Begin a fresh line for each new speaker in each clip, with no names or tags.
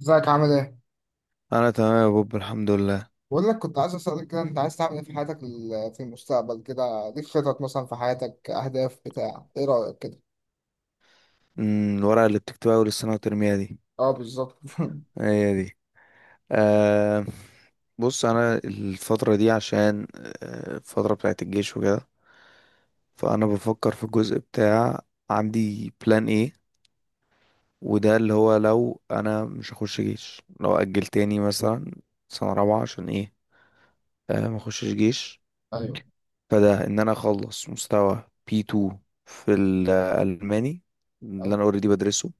ازيك عامل ايه؟
انا تمام يا بوب، الحمد لله.
بقول لك كنت عايز اسألك كده، انت عايز تعمل ايه في حياتك في المستقبل كده؟ ليك خطط مثلا في حياتك، اهداف، بتاع ايه رأيك كده؟
الورقه اللي بتكتبها اول السنه وترميها دي،
اه بالظبط
هي دي. أه، بص انا الفتره دي عشان الفتره بتاعت الجيش وكده، فانا بفكر في الجزء بتاع عندي بلان ايه. وده اللي هو لو انا مش هخش جيش، لو اجل تاني مثلا سنه رابعه، عشان ايه؟ أه، ما اخشش جيش.
ايوه،
فده ان انا اخلص مستوى بي 2 في الالماني اللي
ايوه،
انا اوريدي بدرسه،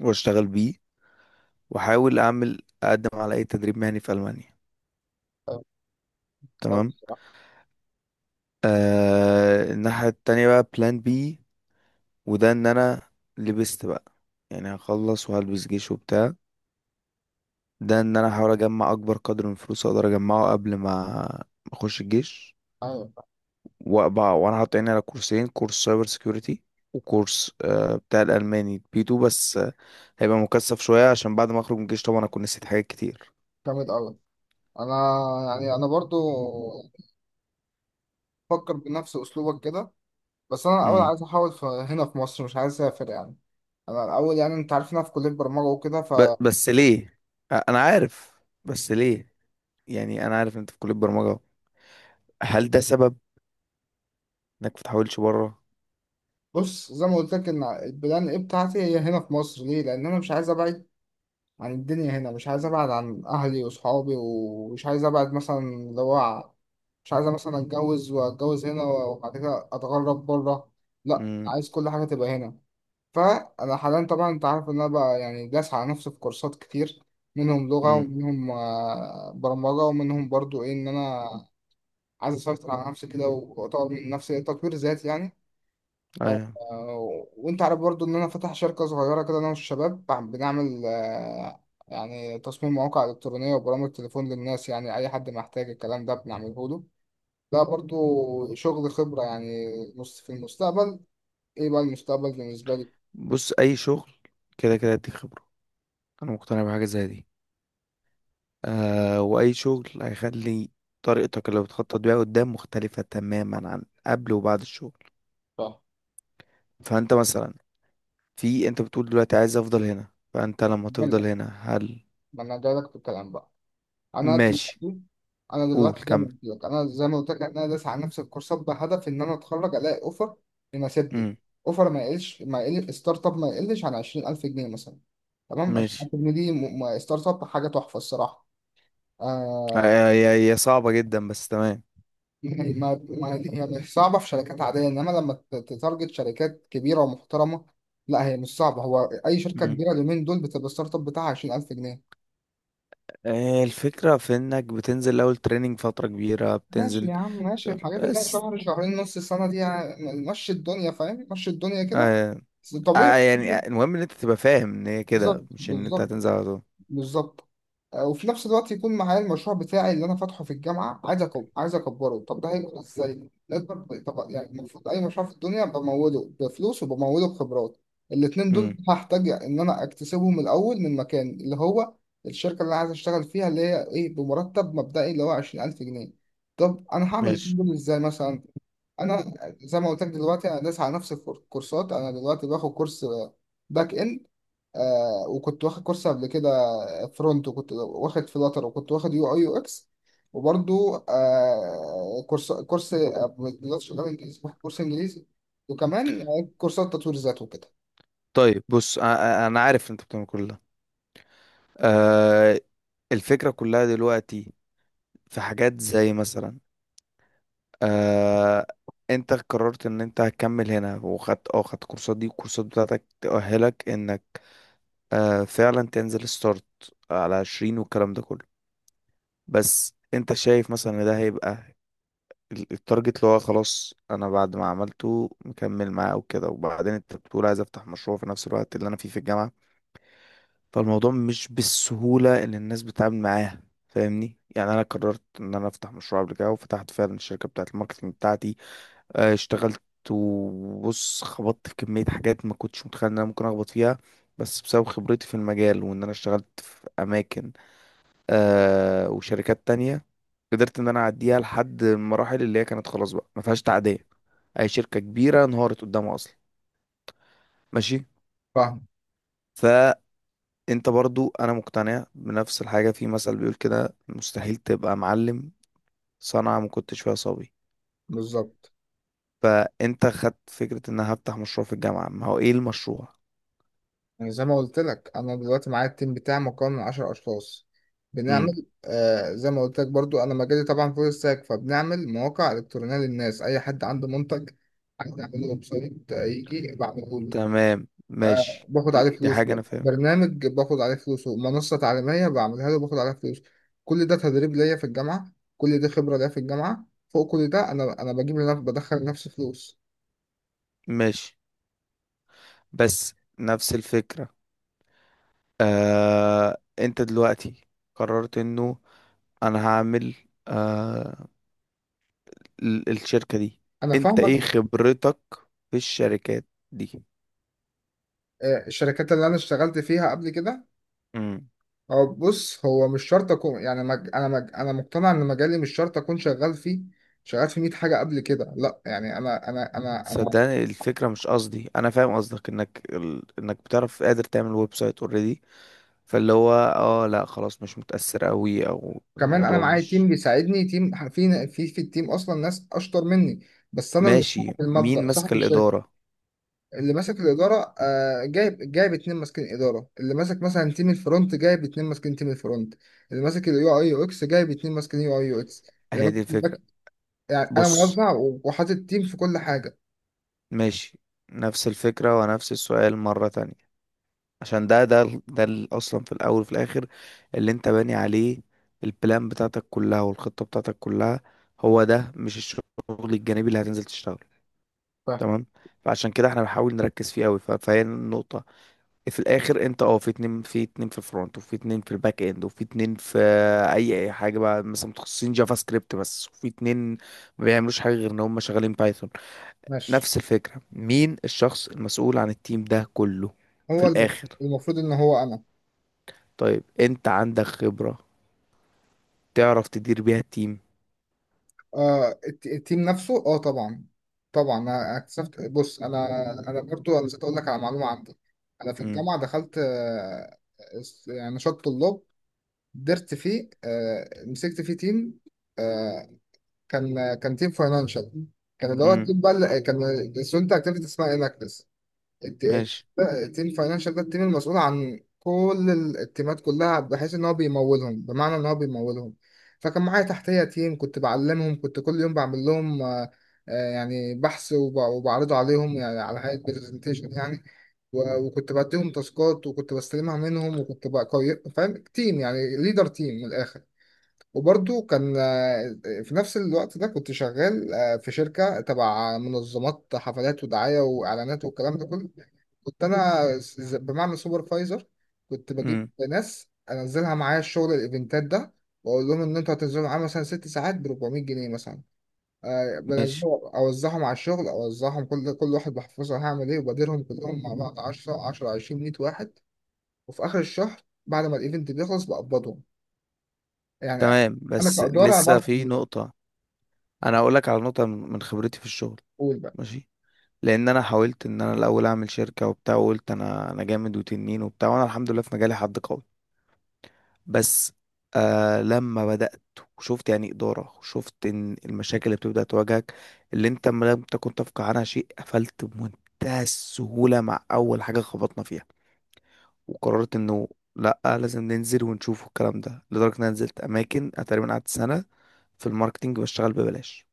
واشتغل بيه، واحاول اعمل اقدم على اي تدريب مهني في المانيا.
ايوه. لا
تمام.
بصراحة،
آه، الناحيه التانية بقى بلان بي، وده ان انا لبست بقى، يعني هخلص وهلبس جيش وبتاع. ده ان انا احاول اجمع اكبر قدر من الفلوس اقدر اجمعه قبل ما اخش الجيش.
ايوه.
وانا حاطط عيني على كورسين، كورس سايبر سيكيورتي وكورس بتاع الالماني بي 2. بس هيبقى مكثف شويه عشان بعد ما اخرج من الجيش طبعا اكون نسيت حاجات كتير.
جامد قوي. انا، يعني انا برضو بفكر بنفس اسلوبك كده، بس انا الاول
امم.
عايز احاول في هنا في مصر، مش عايز اسافر يعني. انا الاول، يعني انت عارف إن انا في كليه برمجه وكده.
بس ليه؟ انا عارف، بس ليه؟ يعني انا عارف إن انت في كلية برمجة. هل ده سبب انك ما تحاولش بره؟
فبص، زي ما قلت لك ان البلان ايه بتاعتي، هي هنا في مصر. ليه؟ لان انا مش عايز ابعد عن الدنيا هنا، مش عايز ابعد عن اهلي واصحابي، ومش عايز ابعد مثلا مش عايز مثلا اتجوز، واتجوز هنا وبعد كده اتغرب بره. لا،
امم.
عايز كل حاجه تبقى هنا. فانا حاليا طبعا انت عارف ان انا بقى يعني داس على نفسي في كورسات كتير، منهم لغه
امم.
ومنهم برمجه، ومنهم برضو ايه، ان انا عايز اسيطر على نفسي كده واطور من نفسي، تطوير ذاتي يعني. آه،
ايوه.
وانت عارف برضو ان انا فاتح شركة صغيرة كده، انا والشباب بنعمل يعني تصميم مواقع الكترونية وبرامج تليفون للناس. يعني اي حد محتاج الكلام ده بنعمله له. ده برضو شغل خبرة يعني. نص في المستقبل، ايه بقى المستقبل بالنسبة لي؟
بص اي شغل كده كده يديك خبرة، انا مقتنع بحاجة زي دي. آه، واي شغل هيخلي طريقتك اللي بتخطط بيها قدام مختلفة تماما عن قبل وبعد الشغل.
صح.
فانت مثلا انت بتقول دلوقتي عايز افضل هنا، فانت لما تفضل
ملة.
هنا، هل
ما انا جايلك في الكلام بقى. انا دلوقتي
ماشي؟
انا
قول
دلوقتي زي ما
كمل.
قلت لك، انا داس على نفس الكورسات بهدف ان انا اتخرج الاقي اوفر يناسبني.
امم.
اوفر ما يقل ستارت اب، ما يقلش عن 20,000 جنيه مثلا. تمام،
ماشي.
20,000 جنيه دي ستارت اب، حاجه تحفه الصراحه.
هي
آه.
هي صعبة جدا بس تمام.
يعني ما هي مش صعبه في شركات عاديه، انما لما تتارجت شركات كبيره ومحترمه، لا هي مش صعبه. هو اي شركه كبيره اليومين دول بتبقى الستارت اب بتاعها 20,000 جنيه.
آه، الفكرة في انك بتنزل اول تريننج فترة كبيرة
ماشي
بتنزل.
يا عم، ماشي، الحاجات اللي هي
بس
شهر شهرين نص السنة دي يعني. مشي الدنيا، فاهم، مشي الدنيا كده.
آه
بس طبيعي.
يعني المهم ان انت تبقى فاهم ان هي كده،
بالظبط،
مش ان انت
بالظبط،
هتنزل على طول.
بالظبط. وفي نفس الوقت يكون معايا المشروع بتاعي اللي انا فاتحه في الجامعه. عايز عايز اكبره. طب ده هيكبر ازاي؟ لازم، طب يعني المفروض اي مشروع في الدنيا بموله بفلوس وبموله بخبرات. الاتنين دول
امم.
هحتاج ان انا اكتسبهم الاول من مكان، اللي هو الشركه اللي انا عايز اشتغل فيها، اللي هي ايه، بمرتب مبدئي اللي هو 20,000 جنيه. طب انا هعمل الاتنين
ماشي.
دول ازاي مثلا؟ انا زي ما قلت لك دلوقتي، انا داس على نفس الكورسات. انا دلوقتي باخد كورس باك اند، آه، وكنت واخد كورس قبل كده فرونت، وكنت واخد فلاتر، وكنت واخد يو اي يو اكس. وبرضو آه كورس كورس آه، مش شغال انجليزي، واخد كورس انجليزي. وكمان كورسات تطوير ذات وكده.
طيب بص، انا عارف انت بتعمل كل ده. آه، الفكرة كلها دلوقتي في حاجات زي مثلا، آه، انت قررت ان انت هتكمل هنا وخدت اه خدت كورسات دي، والكورسات بتاعتك تأهلك انك فعلا تنزل ستارت على 20 والكلام ده كله. بس انت شايف مثلا ان ده هيبقى التارجت اللي هو خلاص انا بعد ما عملته مكمل معاه وكده، وبعدين انت بتقول عايز افتح مشروع في نفس الوقت اللي انا فيه في الجامعة. فالموضوع مش بالسهولة اللي الناس بتتعامل معاها، فاهمني؟ يعني انا قررت ان انا افتح مشروع قبل كده وفتحت فعلا الشركة بتاعة الماركتنج بتاعتي. اه، اشتغلت. وبص خبطت في كمية حاجات ما كنتش متخيل ان انا ممكن اخبط فيها، بس بسبب خبرتي في المجال وان انا اشتغلت في اماكن وشركات تانية، قدرت ان انا اعديها لحد المراحل اللي هي كانت خلاص بقى ما فيهاش تعدية. اي شركة كبيرة انهارت قدامها اصلا. ماشي.
فاهم.
فانت، برضو انا مقتنع بنفس الحاجة، في مثل بيقول كده، مستحيل تبقى معلم صنعة ما كنتش فيها صبي.
بالظبط.
فانت خدت فكرة ان انا هفتح مشروع في الجامعة، ما هو ايه المشروع.
يعني زي ما قلت لك انا دلوقتي معايا التيم بتاعي، مكون من 10 اشخاص،
امم.
بنعمل زي ما قلت لك برضو. انا مجالي طبعا فول ستاك، فبنعمل مواقع الكترونيه للناس، اي حد عنده منتج عايز يعمل له ويب سايت، يجي بعمله له.
تمام
آه،
ماشي.
باخد
دي
عليه
دي
فلوس.
حاجة انا فاهم.
برنامج، باخد عليه فلوس. منصه تعليميه بعملها له، باخد عليها فلوس. كل ده تدريب ليا في الجامعه، كل ده خبره ليا في الجامعه. فوق كل ده، انا بجيب لنفسي، بدخل لنفسي فلوس.
ماشي، بس نفس الفكرة. آه انت دلوقتي قررت انه انا هعمل، آه الشركة دي.
انا
انت
فاهمك.
ايه خبرتك في الشركات دي؟
الشركات اللي انا اشتغلت فيها قبل كده،
امم.
هو بص، هو مش شرط اكون يعني، انا مقتنع ان مجالي مش شرط اكون شغال فيه، شغال في 100 حاجه قبل كده. لا يعني انا
صدقني الفكرة مش قصدي، انا فاهم قصدك انك ال... انك بتعرف قادر تعمل ويب سايت اوريدي، فاللي هو لا خلاص مش متأثر قوي او
كمان انا
الموضوع
معايا
مش.
تيم بيساعدني، تيم في، التيم اصلا ناس اشطر مني، بس انا اللي
ماشي،
صاحب
مين
المبدأ،
ماسك
صاحب الشركه.
الإدارة؟
اللي ماسك الاداره، آه، جايب اتنين ماسكين اداره. اللي ماسك مثلا تيم الفرونت، جايب اتنين ماسكين تيم الفرونت. اللي ماسك اليو اي يو اكس، جايب اتنين ماسكين يو اي يو اكس. اللي
هي
ماسك
دي الفكرة.
يعني انا
بص،
موزع، وحاطط تيم في كل حاجه.
ماشي. نفس الفكرة ونفس السؤال مرة تانية، عشان اصلا في الاول وفي الاخر، اللي انت باني عليه البلان بتاعتك كلها والخطة بتاعتك كلها، هو ده مش الشغل الجانبي اللي هتنزل تشتغله؟
فاهم.
تمام. فعشان كده احنا بنحاول نركز فيه قوي، فهي النقطة في الاخر. انت في اتنين، في اتنين في الفرونت، وفي اتنين في الباك اند، وفي اتنين في اي حاجة بقى مثلا متخصصين جافا سكريبت بس، وفي اتنين ما بيعملوش حاجة غير ان هم شغالين بايثون.
ماشي.
نفس الفكرة، مين الشخص المسؤول عن التيم ده كله في
هو
الاخر؟
المفروض ان هو انا.
طيب انت عندك خبرة تعرف تدير بيها التيم؟
آه، التيم نفسه، اه طبعا، طبعا. انا اكتشفت، بص، انا انا برضو انا نسيت اقول لك على معلومه عندي. انا في
امم.
الجامعه دخلت، آه، يعني نشاط طلاب، درت فيه، آه، مسكت فيه تيم. آه، كان تيم فاينانشال، كان اللي هو
امم.
التيم بقى كان الستودنت اكتيفيتي اسمها اناكتس.
ماشي.
التيم فاينانشال ده التيم المسؤول عن كل التيمات كلها، بحيث ان هو بيمولهم، بمعنى ان هو بيمولهم. فكان معايا تحتيه تيم، كنت بعلمهم، كنت كل يوم بعمل لهم يعني بحث وبعرضه عليهم، يعني على هيئه برزنتيشن يعني. وكنت بديهم تاسكات، وكنت بستلمها منهم، وكنت بقى فاهم تيم، يعني ليدر تيم من الاخر. وبرضو كان، في نفس الوقت ده كنت شغال في شركة تبع منظمات حفلات ودعاية وإعلانات والكلام ده كله. كنت أنا بمعنى سوبرفايزر، كنت بجيب
امم.
ناس أنزلها معايا الشغل، الإيفنتات ده، وأقول لهم إن أنتوا هتنزلوا معايا مثلا 6 ساعات ب 400 جنيه مثلا.
ماشي،
بنزلهم أوزعهم على الشغل، أوزعهم كل واحد بحفظها هعمل إيه، وبديرهم كلهم مع بعض، 10 10 20 100 واحد. وفي آخر الشهر بعد ما الإيفنت بيخلص بقبضهم. يعني
تمام.
انا
بس
كاداره
لسه
بعرف.
في نقطة. انا هقول لك على نقطة من خبرتي في الشغل.
قول بقى.
ماشي. لان انا حاولت ان انا الاول اعمل شركة وبتاع وقلت انا جامد وتنين وبتاع، وانا الحمد لله في مجالي حد قوي، بس آه لما بدأت وشفت يعني إدارة، وشفت ان المشاكل اللي بتبدأ تواجهك اللي انت ما لم تكن تفقه عنها شيء قفلت بمنتهى السهولة مع اول حاجة خبطنا فيها. وقررت انه لا، لازم ننزل ونشوف الكلام ده، لدرجة ان انا نزلت اماكن. انا تقريبا قعدت سنة في الماركتينج بشتغل ببلاش.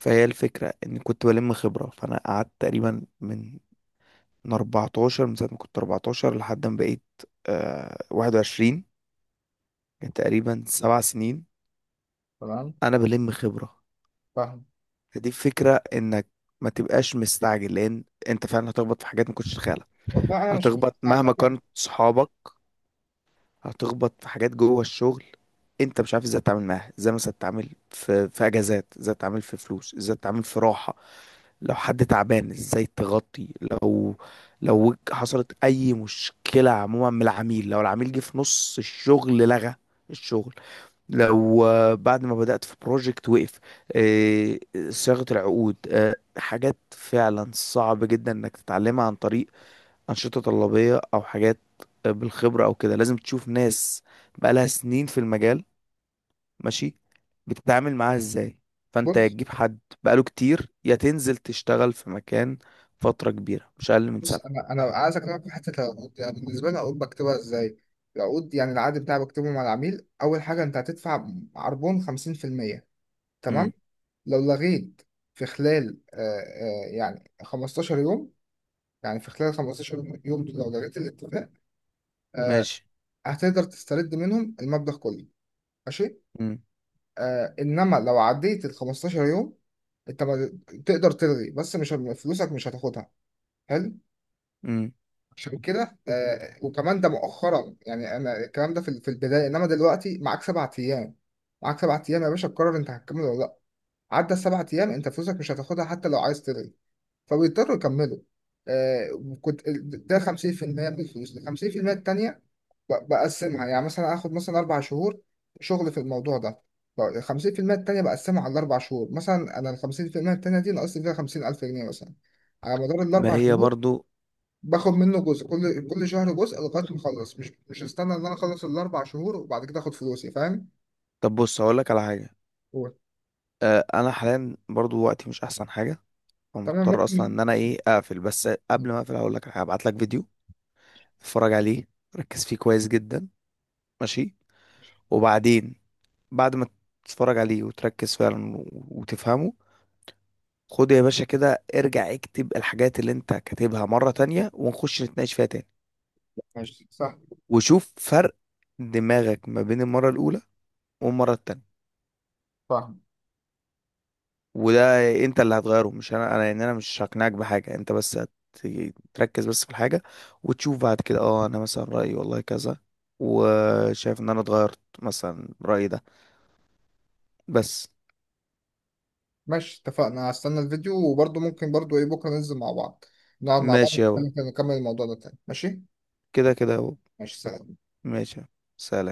فهي الفكرة ان كنت بلم خبرة. فانا قعدت تقريبا من 14، من ساعة ما كنت 14 لحد ما بقيت 21. كان تقريبا 7 سنين
تمام.
انا بلم خبرة.
فاهم.
فدي فكرة انك ما تبقاش مستعجل، لان انت فعلا هتخبط في حاجات ما كنتش تتخيلها.
والله انا مش
هتخبط مهما
مستعجب يعني.
كانت صحابك. هتخبط في حاجات جوه الشغل انت مش عارف ازاي تتعامل معاها. ازاي مثلا تتعامل في اجازات، ازاي تتعامل في فلوس، ازاي تتعامل في راحة لو حد تعبان، ازاي تغطي لو حصلت اي مشكلة عموما من العميل، لو العميل جه في نص الشغل لغى الشغل، لو بعد ما بدأت في بروجكت وقف، آه، صياغة العقود، حاجات فعلا صعب جدا انك تتعلمها عن طريق أنشطة طلابية أو حاجات، بالخبرة أو كده لازم تشوف ناس بقالها سنين في المجال ماشي بتتعامل معاها إزاي. فأنت يا
بص،
تجيب حد بقاله كتير، يا تنزل تشتغل في مكان فترة كبيرة مش أقل من
بص
سنة.
انا انا عايز اكلمك في حته العقود. يعني بالنسبه لي العقود بكتبها ازاي، العقود، يعني العقد بتاعي بكتبه مع العميل، اول حاجه انت هتدفع عربون 50%. تمام،
امم.
لو لغيت في خلال، 15 يوم، يعني في خلال 15 يوم يوم دول، لو لغيت الاتفاق، آه
ماشي.
هتقدر تسترد منهم المبلغ كله. ماشي.
امم.
آه، انما لو عديت ال 15 يوم، انت ما تقدر تلغي، بس مش فلوسك مش هتاخدها. حلو.
امم.
عشان كده، وكمان ده مؤخرا، يعني انا الكلام ده في البدايه، انما دلوقتي معاك 7 ايام، معاك 7 ايام يا باشا، تقرر انت هتكمل ولا لا. عدى ال 7 ايام انت فلوسك مش هتاخدها، حتى لو عايز تلغي، فبيضطروا يكملوا. آه، كنت ده 50% من الفلوس. ال 50% التانيه بقسمها، يعني مثلا اخد مثلا 4 شهور شغل في الموضوع ده، ال 50% التانيه بقسمها على ال 4 شهور، مثلا انا ال 50% التانيه دي ناقصت فيها 50,000 جنيه مثلا على مدار
ما
الاربع
هي
شهور
برضو.
باخد منه جزء كل شهر جزء لغايه ما اخلص، مش مش استنى ان انا اخلص ال 4 شهور وبعد كده اخد فلوسي، فاهم.
طب بص هقولك على حاجة،
هو
أه أنا حاليا برضو وقتي مش أحسن حاجة،
تمام،
فمضطر أصلا
ممكن.
إن أنا إيه أقفل، بس قبل ما أقفل هقولك على حاجة، هبعتلك فيديو اتفرج عليه، ركز فيه كويس جدا. ماشي. وبعدين بعد ما تتفرج عليه وتركز فعلا وتفهمه، خد يا باشا كده ارجع اكتب الحاجات اللي انت كاتبها مرة تانية، ونخش نتناقش فيها تاني.
ماشي سهل.
وشوف فرق دماغك ما بين المرة الأولى والمرة التانية.
فاهم.
وده انت اللي هتغيره مش انا، انا يعني انا مش هقنعك بحاجة انت، بس تركز بس في الحاجة، وتشوف بعد كده انا مثلا رأيي والله كذا، وشايف ان انا اتغيرت مثلا رأيي ده. بس
ماشي اتفقنا، هستنى الفيديو، وبرضه ممكن برضه ايه بكره ننزل مع بعض، نقعد مع بعض،
ماشي يا بابا.
ونكمل الموضوع ده تاني. ماشي.
كده كده يا بابا.
ماشي سلام.
ماشي يا بابا. سلام.